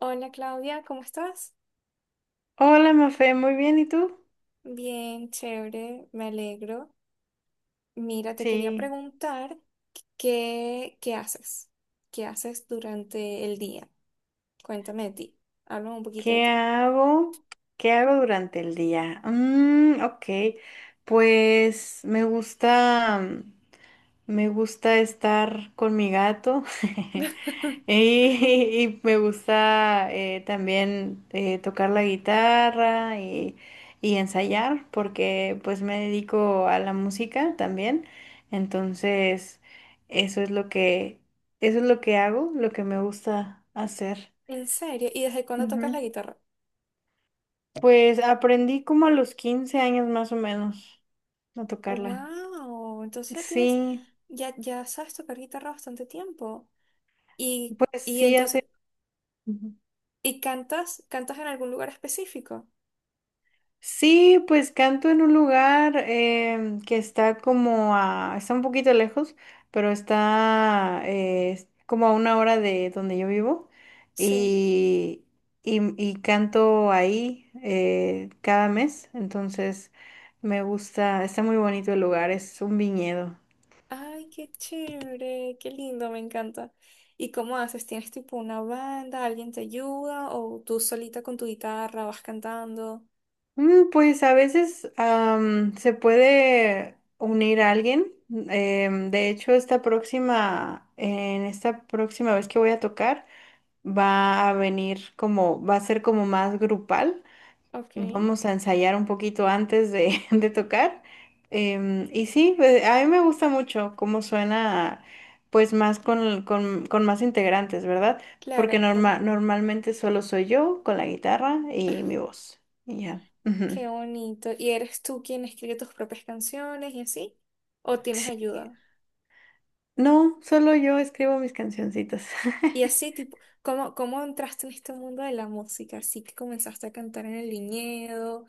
Hola, Claudia, ¿cómo estás? Hola, Mafe, muy bien, ¿y tú? Bien, chévere, me alegro. Mira, te quería Sí, preguntar qué haces, qué haces durante el día. Cuéntame de ti, háblame un poquito de ¿qué ti. hago? ¿Qué hago durante el día? Mm, ok, pues me gusta estar con mi gato. Y, y me gusta también tocar la guitarra y ensayar porque pues me dedico a la música también. Entonces, eso es lo que, eso es lo que hago, lo que me gusta hacer. ¿En serio? ¿Y desde cuándo tocas Ujú. la guitarra? Pues aprendí como a los 15 años más o menos a tocarla. Wow, entonces ya tienes, Sí, ya sabes tocar guitarra bastante tiempo. Y, pues y sí, hace. entonces, Ujú. ¿y cantas en algún lugar específico? Sí, pues canto en un lugar que está está un poquito lejos, pero está es como a una hora de donde yo vivo Sí. y, y canto ahí cada mes. Entonces me gusta, está muy bonito el lugar, es un viñedo. Ay, qué chévere, qué lindo, me encanta. ¿Y cómo haces? ¿Tienes tipo una banda, alguien te ayuda o tú solita con tu guitarra vas cantando? Pues a veces se puede unir a alguien. De hecho, en esta próxima vez que voy a tocar, va a ser como más grupal. Ok, Vamos a ensayar un poquito antes de, de tocar. Y sí, a mí me gusta mucho cómo suena, pues más con más integrantes, ¿verdad? Porque claro, claro. normalmente solo soy yo con la guitarra y mi voz. Y ya. Ujú. Qué bonito. ¿Y eres tú quien escribe tus propias canciones y así? ¿O tienes Sí. ayuda? No, solo yo escribo mis cancioncitas. Y así, tipo, ¿cómo entraste en este mundo de la música? Así que comenzaste a cantar en el viñedo.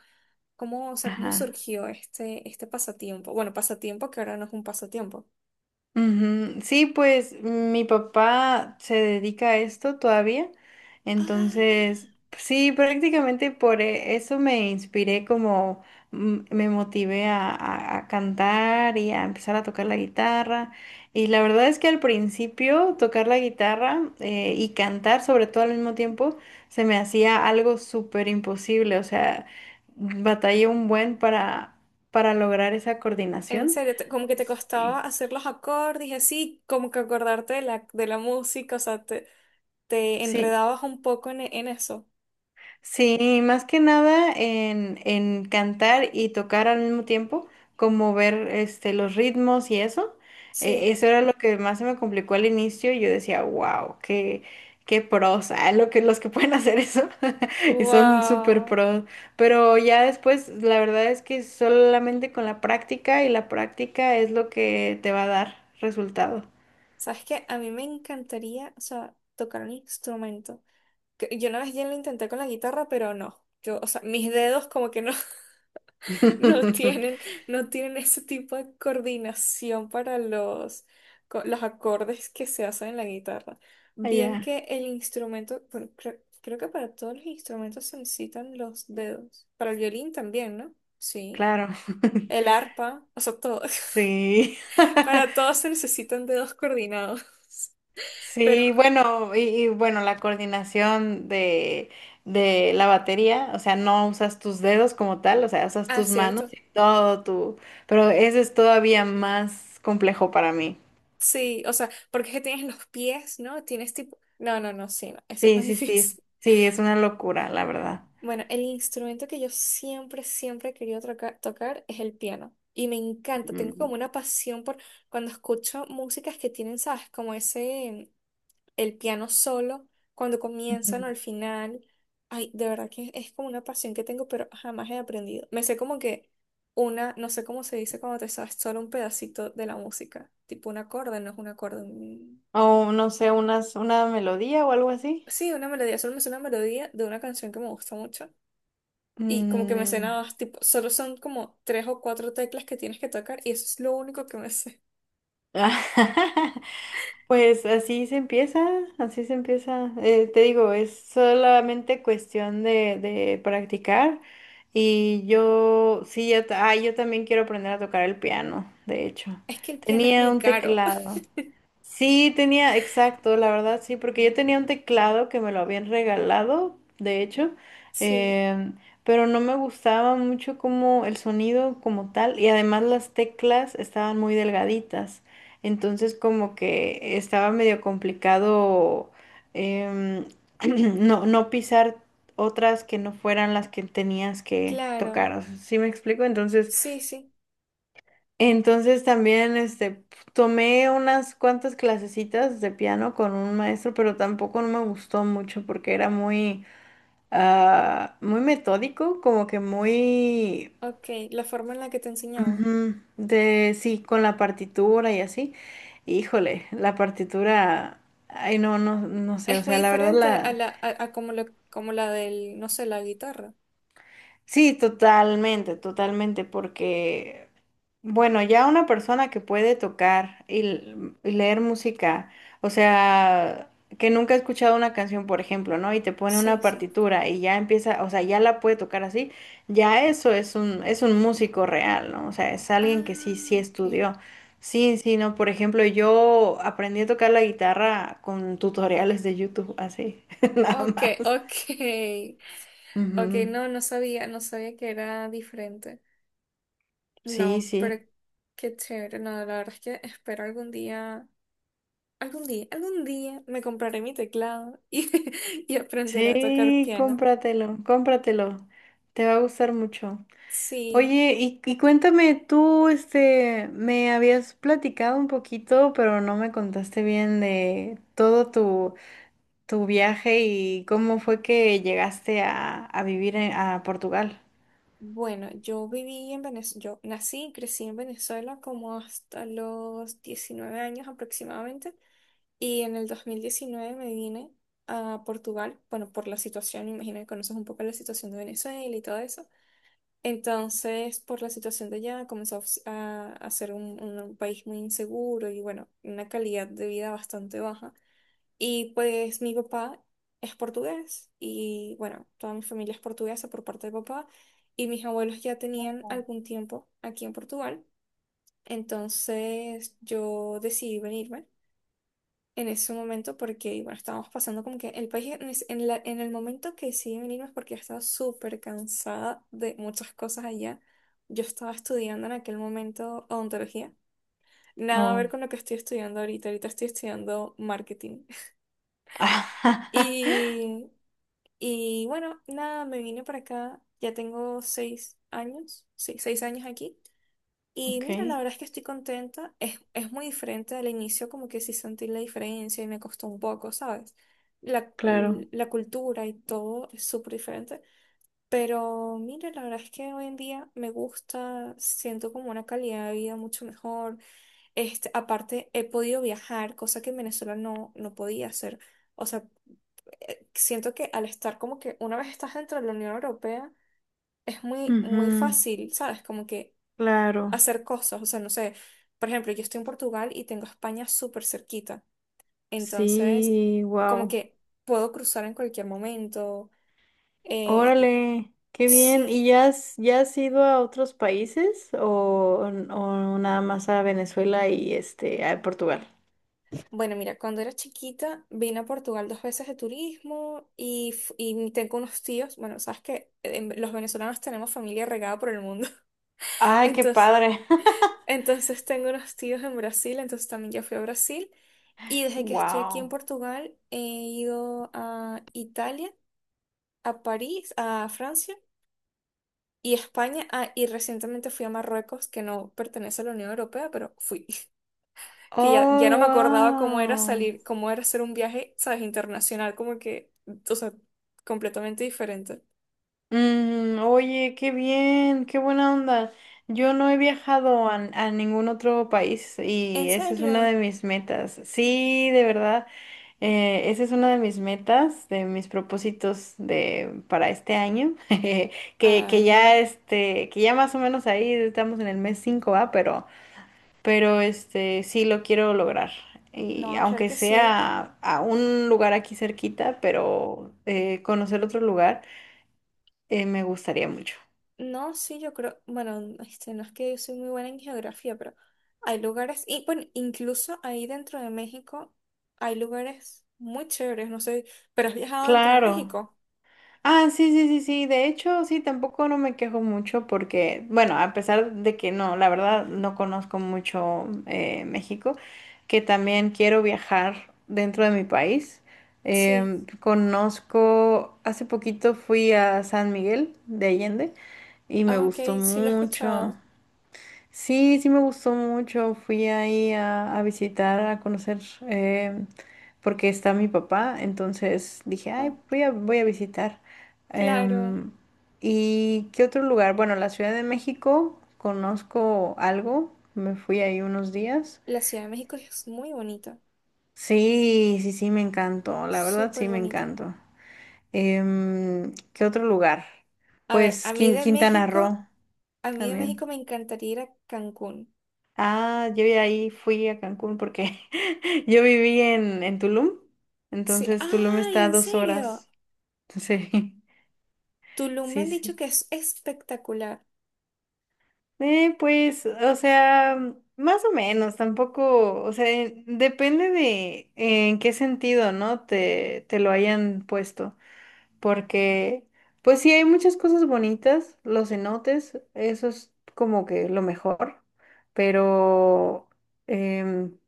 ¿Cómo, o sea, cómo Ajá. surgió este pasatiempo? Bueno, pasatiempo que ahora no es un pasatiempo. Ujú, sí, pues mi papá se dedica a esto todavía, entonces Ah. sí, prácticamente por eso me inspiré como me motivé a cantar y a empezar a tocar la guitarra. Y la verdad es que al principio tocar la guitarra y cantar sobre todo al mismo tiempo se me hacía algo súper imposible, o sea, batallé un buen para lograr esa En coordinación. serio, como que te costaba Sí. hacer los acordes y así, como que acordarte de la música, o sea, te Sí. enredabas un poco en eso. Sí, más que nada en cantar y tocar al mismo tiempo, como ver este, los ritmos y eso. Eh, Sí. eso era lo que más se me complicó al inicio. Yo decía, wow, qué pros, ah, los que pueden hacer eso y son súper Wow. pros. Pero ya después, la verdad es que solamente con la práctica y la práctica es lo que te va a dar resultado. ¿Sabes qué? A mí me encantaría, o sea, tocar un instrumento. Yo una vez ya lo intenté con la guitarra, pero no. Yo, o sea, mis dedos como que no, no tienen, no tienen ese tipo de coordinación para los, los acordes que se hacen en la guitarra. Bien Allá, que el instrumento, bueno, creo que para todos los instrumentos se necesitan los dedos. Para el violín también, ¿no? Sí. claro. El arpa, o sea, todo. Sí. Para todos se necesitan dedos coordinados. Pero, Sí, bueno, y bueno, la coordinación de la batería, o sea, no usas tus dedos como tal, o sea, usas ah, tus manos cierto. y todo tu, pero ese es todavía más complejo para mí. Sí, o sea, porque es que tienes los pies, ¿no? Tienes tipo... No, no, no, sí, no. Eso es Sí, más sí, sí, difícil. sí, es una locura, la verdad. Bueno, el instrumento que yo siempre he querido tocar es el piano. Y me encanta, tengo como Mm. una pasión por cuando escucho músicas que tienen, ¿sabes? Como ese, el piano solo, cuando comienzan Ujú. o al final. Ay, de verdad que es como una pasión que tengo, pero jamás he aprendido. Me sé como que una, no sé cómo se dice cuando te sabes solo un pedacito de la música. Tipo un acorde, no es un acorde. O no sé, una melodía o algo así. Sí, una melodía, solo me sé una melodía de una canción que me gusta mucho. Y como que me sé Mm. nada más, tipo, solo son como tres o cuatro teclas que tienes que tocar y eso es lo único que me sé. Pues así se empieza, así se empieza. Te digo, es solamente cuestión de practicar. Y yo, sí, ya, yo también quiero aprender a tocar el piano, de hecho. Es que el piano es Tenía muy un caro. teclado Sí, tenía, exacto, la verdad, sí, porque yo tenía un teclado que me lo habían regalado, de hecho, Sí, em, pero no me gustaba mucho como el sonido como tal, y además las teclas estaban muy delgaditas, entonces como que estaba medio complicado em, no, no pisar otras que no fueran las que tenías que tocar, claro. o sea, ¿sí me explico? Sí, sí. Entonces también este tomé unas cuantas clasecitas de piano con un maestro, pero tampoco no me gustó mucho porque era muy muy metódico, como que muy Ok, la forma en la que te enseñaba. ujú, de sí, con la partitura y así. Híjole, la partitura, ay no, no, no sé, o Es muy sea, la verdad diferente a la como la del, no sé, la guitarra. Sí, totalmente, totalmente, porque, bueno, ya una persona que puede tocar y leer música, o sea, que nunca ha escuchado una canción, por ejemplo, ¿no? Y te pone Sí, una sí. partitura y ya empieza, o sea, ya la puede tocar así, ya eso es es un músico real, ¿no? O sea, es alguien que sí, Ah, sí ok. estudió. Sí, sí, ¿no? Por ejemplo, yo aprendí a tocar la guitarra con tutoriales de YouTube, así, nada Ok, más. ok. Ok, Ujú, no sabía, no sabía que era diferente. sí, No, pero sí. qué chévere. No, la verdad es que espero algún día. Algún día me compraré mi teclado y, y aprenderé a tocar Sí, piano. cómpratelo, cómpratelo. Te va a gustar mucho. Sí, Oye, y cuéntame, tú, este, me habías platicado un poquito, pero no me contaste bien de todo tu viaje y cómo fue que llegaste a vivir a Portugal. bueno, yo viví en Venezuela, yo nací y crecí en Venezuela como hasta los 19 años aproximadamente y en el 2019 me vine a Portugal, bueno, por la situación, imagino que conoces un poco la situación de Venezuela y todo eso. Entonces, por la situación de allá, comenzó a, s- a ser un país muy inseguro y bueno, una calidad de vida bastante baja. Y pues mi papá es portugués y bueno, toda mi familia es portuguesa por parte de papá y mis abuelos ya tenían algún tiempo aquí en Portugal. Entonces yo decidí venirme en ese momento porque bueno, estábamos pasando como que el país en, ese- en la- en el momento que decidí venirme es porque ya estaba súper cansada de muchas cosas allá. Yo estaba estudiando en aquel momento odontología. Nada a ver Oh. con lo que estoy estudiando ahorita. Ahorita estoy estudiando marketing. Y y bueno, nada, me vine para acá. Ya tengo seis años, sí, seis años aquí. Y Ok, mira, la verdad es que estoy contenta. Es muy diferente al inicio, como que sí sentí la diferencia y me costó un poco, ¿sabes? La, claro. la cultura y todo es súper diferente. Pero mira, la verdad es que hoy en día me gusta, siento como una calidad de vida mucho mejor. Este, aparte, he podido viajar, cosa que en Venezuela no podía hacer. O sea, siento que al estar como que una vez estás dentro de la Unión Europea, es muy, Ujú, muy fácil, ¿sabes? Como que claro. hacer cosas, o sea, no sé, por ejemplo, yo estoy en Portugal y tengo España súper cerquita, entonces Sí, como wow. que puedo cruzar en cualquier momento. Eh, Órale, qué bien. ¿Y sí, ya has ido a otros países o nada más a Venezuela y este a Portugal? bueno, mira, cuando era chiquita vine a Portugal dos veces de turismo y y tengo unos tíos, bueno, sabes que los venezolanos tenemos familia regada por el mundo, Ay, qué entonces... padre. Entonces tengo unos tíos en Brasil, entonces también ya fui a Brasil. Y desde que estoy aquí en Wow. Portugal he ido a Italia, a París, a Francia y España. Ah, y recientemente fui a Marruecos, que no pertenece a la Unión Europea, pero fui. Que ya Oh, no me acordaba cómo era wow. salir, cómo era hacer un viaje, ¿sabes? Internacional, como que, o sea, completamente diferente. Oye, qué bien, qué buena onda. Yo no he viajado a ningún otro país y ¿En esa es una serio? de mis metas. Sí, de verdad, esa es una de mis metas, de mis propósitos para este año, que, que ya Ay, este, que ya más o menos ahí estamos en el mes 5 ¿va? Pero este, sí lo quiero lograr. Y no, claro aunque que sí. sea a un lugar aquí cerquita, pero conocer otro lugar, me gustaría mucho. No, sí, yo creo, bueno, este, no es que yo soy muy buena en geografía, pero hay lugares, y bueno, incluso ahí dentro de México hay lugares muy chéveres, no sé, pero has viajado dentro de Claro. México. Ah, sí, sí, sí, sí. De hecho, sí, tampoco no me quejo mucho porque, bueno, a pesar de que no, la verdad, no conozco mucho México, que también quiero viajar dentro de mi país. Sí, Conozco, hace poquito fui a San Miguel de Allende y me ah, ok, gustó sí lo he mucho. escuchado. Sí, sí me gustó mucho. Fui ahí a visitar, a conocer, eh, porque está mi papá. Entonces dije, Ah, ay, voy a visitar. claro, Em, ¿y qué otro lugar? Bueno, la Ciudad de México, conozco algo. Me fui ahí unos días. la Ciudad de México es muy bonita, Sí, sí, sí, me encantó. La verdad, sí, súper me bonita. encantó. ¿Qué otro lugar? A ver, Pues Quin- Quintana Roo a mí de también. México me encantaría ir a Cancún. Ah, yo ya ahí fui a Cancún porque yo viví en Tulum, Sí, entonces Tulum ay, está a ¿en dos serio? horas. Sí, Tulum me sí, han dicho sí. que es espectacular. Pues, o sea, más o menos, tampoco, o sea, depende de en qué sentido, ¿no? Te lo hayan puesto, porque, pues sí, hay muchas cosas bonitas, los cenotes, eso es como que lo mejor, pero em,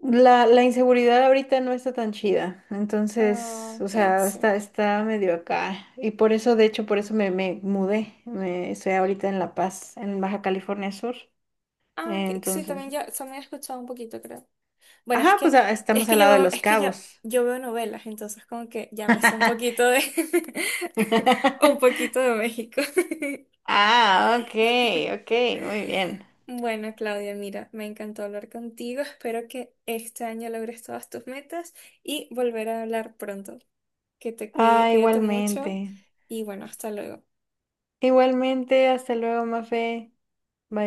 la inseguridad ahorita no está tan chida, entonces, Ah, o ok, sea, sí. está medio acá. Y por eso, de hecho, por eso me mudé. Estoy ahorita en La Paz, en Baja California Sur. Ah, que, sí, también Entonces, ya, también he escuchado un poquito, creo. Bueno, ajá, pues es estamos que al yo lado de veo, Los es que ya, Cabos. yo veo novelas, entonces como que ya me sé un poquito de, un poquito de México. Ah, ok, ok, muy bien. Bueno, Claudia, mira, me encantó hablar contigo. Espero que este año logres todas tus metas y volver a hablar pronto. Que te cuide, Ah, cuídate mucho igualmente. y bueno, hasta luego. Igualmente, hasta luego, Mafe. Bye.